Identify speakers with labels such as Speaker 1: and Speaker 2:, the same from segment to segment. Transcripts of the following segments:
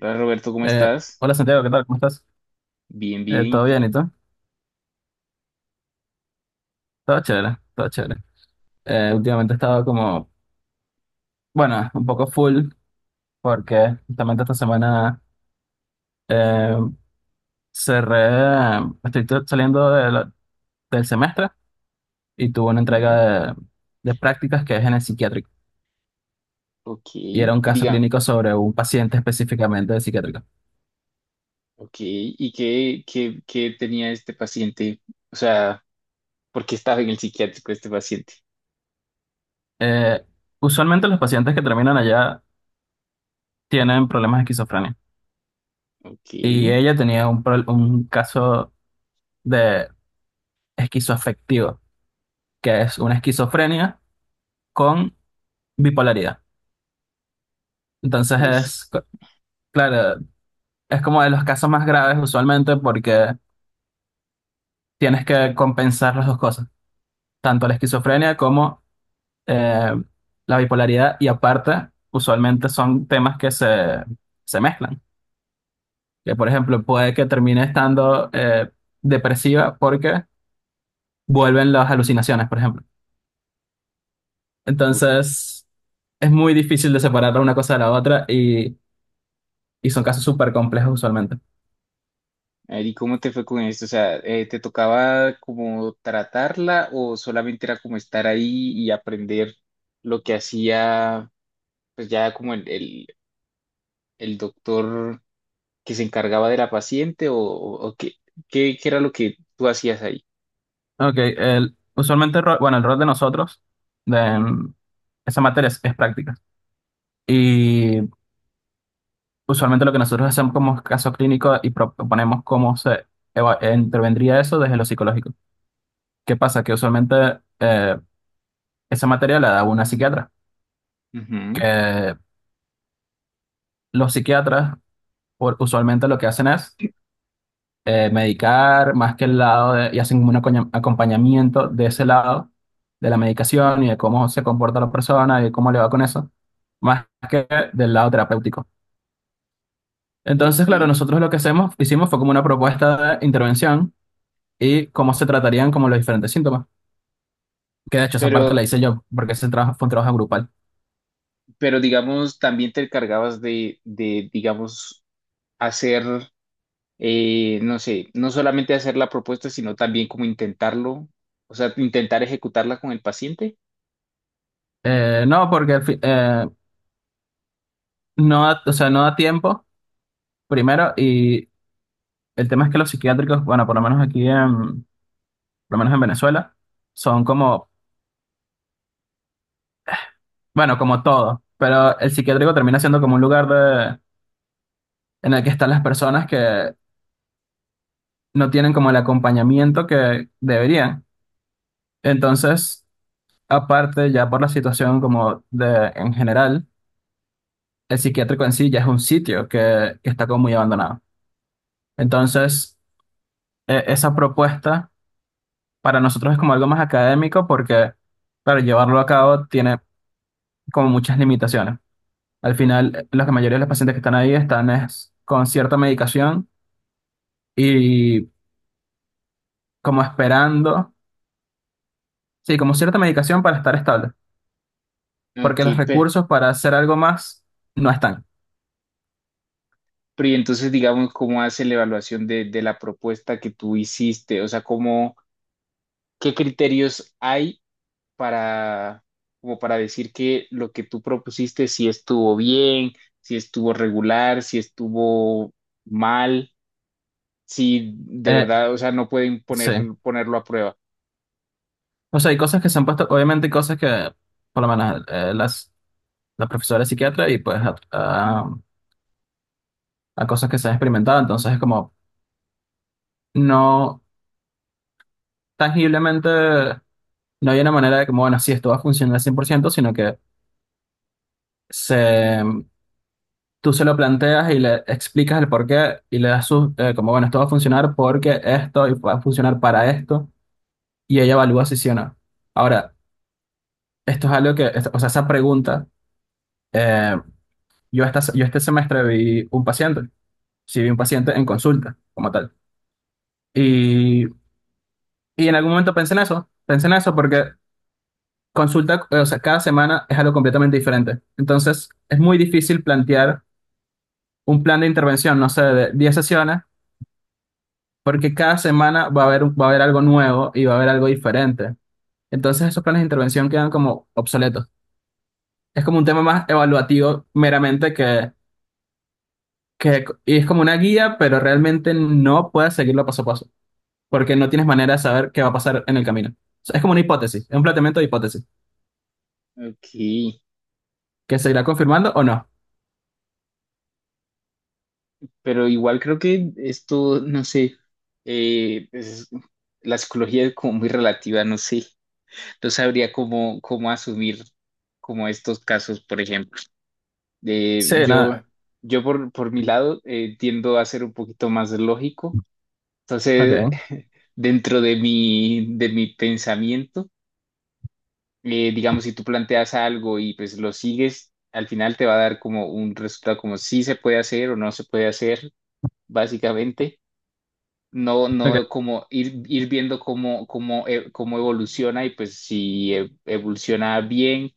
Speaker 1: Hola Roberto, ¿cómo
Speaker 2: Eh,
Speaker 1: estás?
Speaker 2: Hola Santiago, ¿qué tal? ¿Cómo estás?
Speaker 1: Bien, bien, ¿y
Speaker 2: ¿Todo bien
Speaker 1: tú?
Speaker 2: y tú? Todo chévere, todo chévere. Últimamente he estado como, bueno, un poco full porque justamente esta semana eh, cerré, estoy saliendo del semestre y tuve una
Speaker 1: Ujú.
Speaker 2: entrega de prácticas que es en el psiquiátrico
Speaker 1: Ok,
Speaker 2: y era un
Speaker 1: y
Speaker 2: caso
Speaker 1: diga,
Speaker 2: clínico sobre un paciente específicamente de psiquiátrico.
Speaker 1: ok, ¿y qué, qué tenía este paciente? O sea, ¿por qué estaba en el psiquiátrico este paciente?
Speaker 2: Eh, Usualmente los pacientes que terminan allá tienen problemas de esquizofrenia
Speaker 1: Ok,
Speaker 2: y ella tenía un caso de esquizoafectivo, que es una esquizofrenia con bipolaridad. Entonces
Speaker 1: uy,
Speaker 2: es, claro, es como de los casos más graves usualmente porque tienes que compensar las dos cosas, tanto la esquizofrenia como eh, la bipolaridad, y aparte usualmente son temas que se mezclan. Que por ejemplo puede que termine estando depresiva porque vuelven las alucinaciones, por ejemplo.
Speaker 1: ok.
Speaker 2: Entonces es muy difícil de separar una cosa de la otra, y son casos súper complejos usualmente.
Speaker 1: A ver, ¿y cómo te fue con esto? O sea, ¿te tocaba como tratarla o solamente era como estar ahí y aprender lo que hacía, pues ya como el doctor que se encargaba de la paciente o qué, qué era lo que tú hacías ahí?
Speaker 2: Ok, el, usualmente, bueno, el rol de nosotros, de mm, esa materia es práctica. Y usualmente lo que nosotros hacemos como caso clínico y proponemos cómo se intervendría eso desde lo psicológico. ¿Qué pasa? Que usualmente esa materia la da una psiquiatra,
Speaker 1: Ujú.
Speaker 2: que los psiquiatras usualmente lo que hacen es medicar, más que el lado de, y hacen como un acompañamiento de ese lado, de la medicación y de cómo se comporta la persona y de cómo le va con eso, más que del lado terapéutico. Entonces, claro,
Speaker 1: Ok.
Speaker 2: nosotros lo que hicimos fue como una propuesta de intervención y cómo se tratarían como los diferentes síntomas. Que de hecho esa parte la
Speaker 1: Pero,
Speaker 2: hice yo, porque ese trabajo fue un trabajo grupal.
Speaker 1: pero digamos, también te encargabas digamos, hacer, no sé, no solamente hacer la propuesta, sino también como intentarlo, o sea, intentar ejecutarla con el paciente.
Speaker 2: No, porque no, o sea, no da tiempo, primero, y el tema es que los psiquiátricos, bueno, por lo menos por lo menos en Venezuela, son como bueno, como todo, pero el psiquiátrico termina siendo como un lugar en el que están las personas que no tienen como el acompañamiento que deberían. Entonces, aparte ya por la situación como de en general, el psiquiátrico en sí ya es un sitio que, está como muy abandonado. Entonces, esa propuesta para nosotros es como algo más académico porque para llevarlo a cabo tiene como muchas limitaciones. Al final, la mayoría de los pacientes que están ahí están es con cierta medicación y como esperando, sí, como cierta medicación para estar estable, porque
Speaker 1: Ok,
Speaker 2: los recursos para hacer algo más no están.
Speaker 1: pero, y entonces, digamos, ¿cómo hace la evaluación de la propuesta que tú hiciste? O sea, ¿cómo, qué criterios hay para, como para decir que lo que tú propusiste si estuvo bien, si estuvo regular, si estuvo mal, si de
Speaker 2: Eh,
Speaker 1: verdad, o sea, no pueden
Speaker 2: sí,
Speaker 1: poner, ponerlo a prueba?
Speaker 2: o sea, hay cosas que se han puesto, obviamente hay cosas que, por lo menos, la profesora es psiquiatra y pues a cosas que se han experimentado, entonces es como, no, tangiblemente, no hay una manera de como, bueno, sí, esto va a funcionar al 100% sino que se. Tú se lo planteas y le explicas el por qué y le das sus, como, bueno, esto va a funcionar porque esto y va a funcionar para esto. Y ella evalúa si sí o no. Ahora, esto es algo que, o sea, esa pregunta, eh, yo este semestre vi un paciente, sí vi un paciente
Speaker 1: Ujú.
Speaker 2: en consulta, como tal. Y, y en algún momento pensé en eso porque consulta, o sea, cada semana es algo completamente diferente. Entonces, es muy difícil plantear un plan de intervención, no sé, de 10 sesiones, porque cada semana va a haber, va a haber algo nuevo y va a haber algo diferente. Entonces, esos planes de intervención quedan como obsoletos. Es como un tema más evaluativo meramente que, y es como una guía, pero realmente no puedes seguirlo paso a paso, porque no tienes manera de saber qué va a pasar en el camino. O sea, es como una hipótesis, es un planteamiento de hipótesis,
Speaker 1: Ok,
Speaker 2: que se irá confirmando o no.
Speaker 1: pero igual creo que esto, no sé, eh, es- la psicología es como muy relativa, no sé, no sabría cómo, cómo asumir como estos casos, por ejemplo. Eh,
Speaker 2: Sí,
Speaker 1: yo,
Speaker 2: nada.
Speaker 1: yo por mi lado tiendo a ser un poquito más lógico. Entonces,
Speaker 2: Ok,
Speaker 1: dentro de mi pensamiento, digamos, si tú planteas algo y pues lo sigues, al final te va a dar como un resultado como si se puede hacer o no se puede hacer, básicamente. No,
Speaker 2: ok.
Speaker 1: no como ir, ir viendo cómo, cómo, cómo evoluciona y pues si evoluciona bien,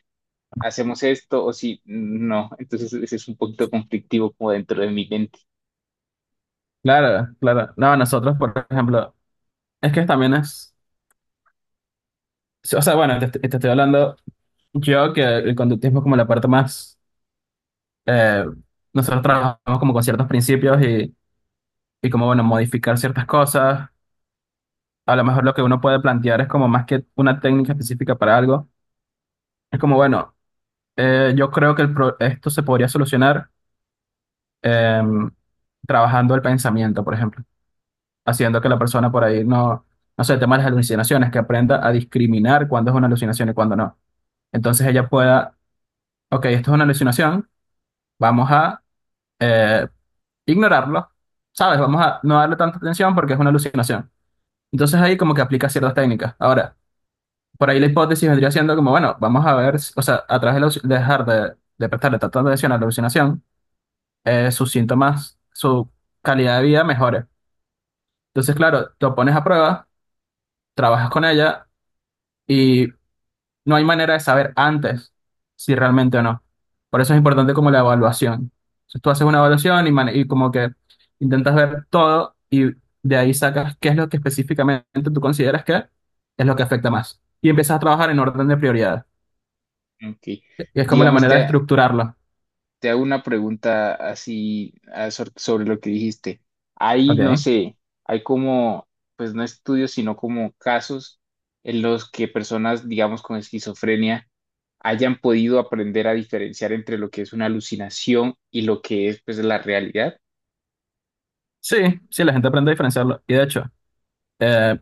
Speaker 1: hacemos esto o si no. Entonces, ese es un poquito conflictivo como dentro de mi mente.
Speaker 2: Claro, claro. No, nosotros, por ejemplo, es que también es, sí, o sea, bueno, te estoy hablando yo que el conductismo es como la parte más, eh, nosotros trabajamos como con ciertos principios, y como, bueno, modificar ciertas cosas. A lo mejor lo que uno puede plantear es como más que una técnica específica para algo. Es como, bueno, yo creo que esto se podría solucionar em, trabajando el pensamiento, por ejemplo, haciendo que la persona por ahí no, no sé, el tema de las alucinaciones, que aprenda a discriminar cuándo es una alucinación y cuándo no. Entonces ella pueda, ok, esto es una alucinación, vamos a eh, ignorarlo, ¿sabes? Vamos a no darle tanta atención porque es una alucinación. Entonces ahí como que aplica ciertas técnicas. Ahora, por ahí la hipótesis vendría siendo como, bueno, vamos a ver, o sea, a través de dejar de prestarle tanta atención a la alucinación, sus síntomas, su calidad de vida mejore. Entonces, claro, lo pones a prueba, trabajas con ella y no hay manera de saber antes si realmente o no. Por eso es importante como la evaluación. Entonces, tú haces una evaluación y como que intentas ver todo y de ahí sacas qué es lo que específicamente tú consideras que es lo que afecta más. Y empiezas a trabajar en orden de prioridad.
Speaker 1: Ok.
Speaker 2: Y es como la
Speaker 1: Digamos,
Speaker 2: manera de estructurarlo.
Speaker 1: te hago una pregunta así ah, sobre lo que dijiste. Hay, no
Speaker 2: Ok.
Speaker 1: sé, hay como, pues no estudios, sino como casos en los que personas, digamos, con esquizofrenia hayan podido aprender a diferenciar entre lo que es una alucinación y lo que es, pues, la realidad.
Speaker 2: Sí, sí, la gente aprende a diferenciarlo. Y de hecho, eh,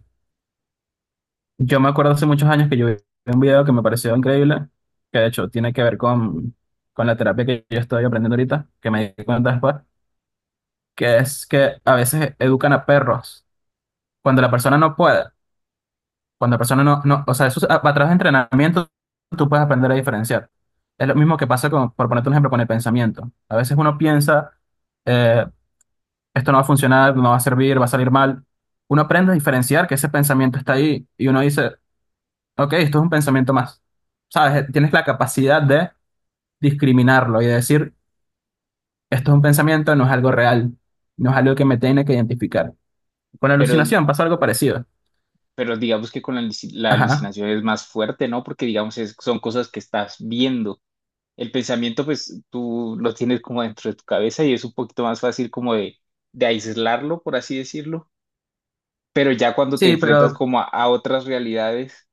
Speaker 2: yo me acuerdo hace muchos años que yo vi un video que me pareció increíble, que de hecho tiene que ver con la terapia que yo estoy aprendiendo ahorita, que me di cuenta después, que es que a veces educan a perros cuando la persona no puede, cuando la persona no, o sea, a través de entrenamiento tú puedes aprender a diferenciar. Es lo mismo que pasa con, por ponerte un ejemplo, con el pensamiento. A veces uno piensa, eh, esto no va a funcionar, no va a servir, va a salir mal. Uno aprende a diferenciar que ese pensamiento está ahí y uno dice, ok, esto es un pensamiento más. ¿Sabes? Tienes la capacidad de discriminarlo y de decir, esto es un pensamiento, no es algo real, no es algo que me tiene que identificar. Con
Speaker 1: Pero,
Speaker 2: alucinación pasa algo parecido.
Speaker 1: pero digamos que con la
Speaker 2: Ajá.
Speaker 1: alucinación es más fuerte, ¿no? Porque, digamos, son cosas que estás viendo. El pensamiento, pues tú lo tienes como dentro de tu cabeza y es un poquito más fácil como de aislarlo, por así decirlo. Pero ya cuando te
Speaker 2: Sí,
Speaker 1: enfrentas
Speaker 2: pero,
Speaker 1: como a otras realidades,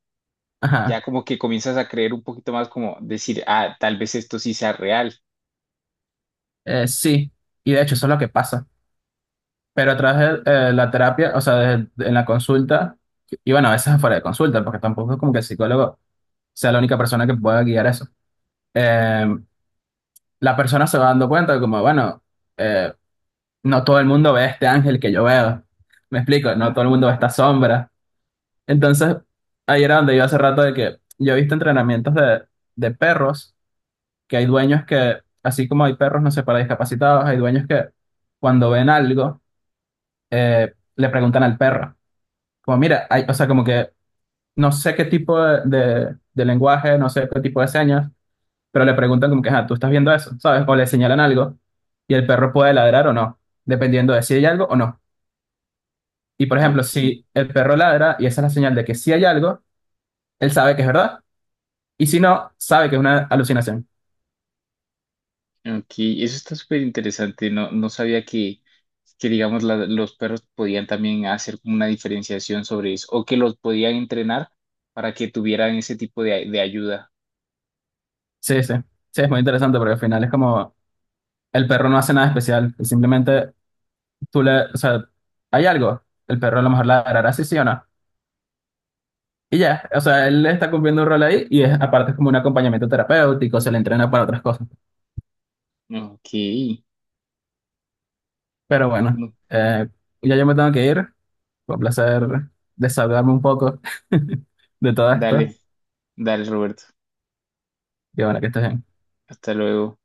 Speaker 2: ajá.
Speaker 1: ya como que comienzas a creer un poquito más como decir, ah, tal vez esto sí sea real.
Speaker 2: Sí. Y de hecho, eso es lo que pasa. Pero a través de la terapia, o sea, en la consulta, y bueno, a veces afuera de consulta, porque tampoco es como que el psicólogo sea la única persona que pueda guiar eso. Eh, la persona se va dando cuenta de como, bueno, eh, no todo el mundo ve este ángel que yo veo. Me explico, no todo el mundo ve esta sombra. Entonces, ahí era donde yo hace rato de que yo he visto entrenamientos de perros, que hay dueños que, así como hay perros, no sé, para discapacitados, hay dueños que cuando ven algo, le preguntan al perro, como mira, hay, o sea, como que no sé qué tipo de lenguaje, no sé qué tipo de señas, pero le preguntan como que, ah, tú estás viendo eso, ¿sabes? O le señalan algo y el perro puede ladrar o no, dependiendo de si hay algo o no. Y por ejemplo,
Speaker 1: Ok,
Speaker 2: si el perro ladra y esa es la señal de que sí hay algo, él sabe que es verdad. Y si no, sabe que es una alucinación.
Speaker 1: ok, eso está súper interesante. No, no sabía que digamos, los perros podían también hacer como una diferenciación sobre eso o que los podían entrenar para que tuvieran ese tipo de ayuda.
Speaker 2: Sí, sí. Sí, es muy interesante porque al final es como el perro no hace nada especial. Y simplemente o sea, hay algo. El perro a lo mejor ladrará, sí, sí o no. Y ya, o sea, él está cumpliendo un rol ahí y es, aparte es como un acompañamiento terapéutico, se le entrena para otras cosas.
Speaker 1: Ok,
Speaker 2: Pero bueno, eh, ya yo me tengo que ir. Fue un placer desahogarme un poco de todo esto.
Speaker 1: dale, dale, Roberto.
Speaker 2: Y bueno, que estés bien.
Speaker 1: Hasta luego.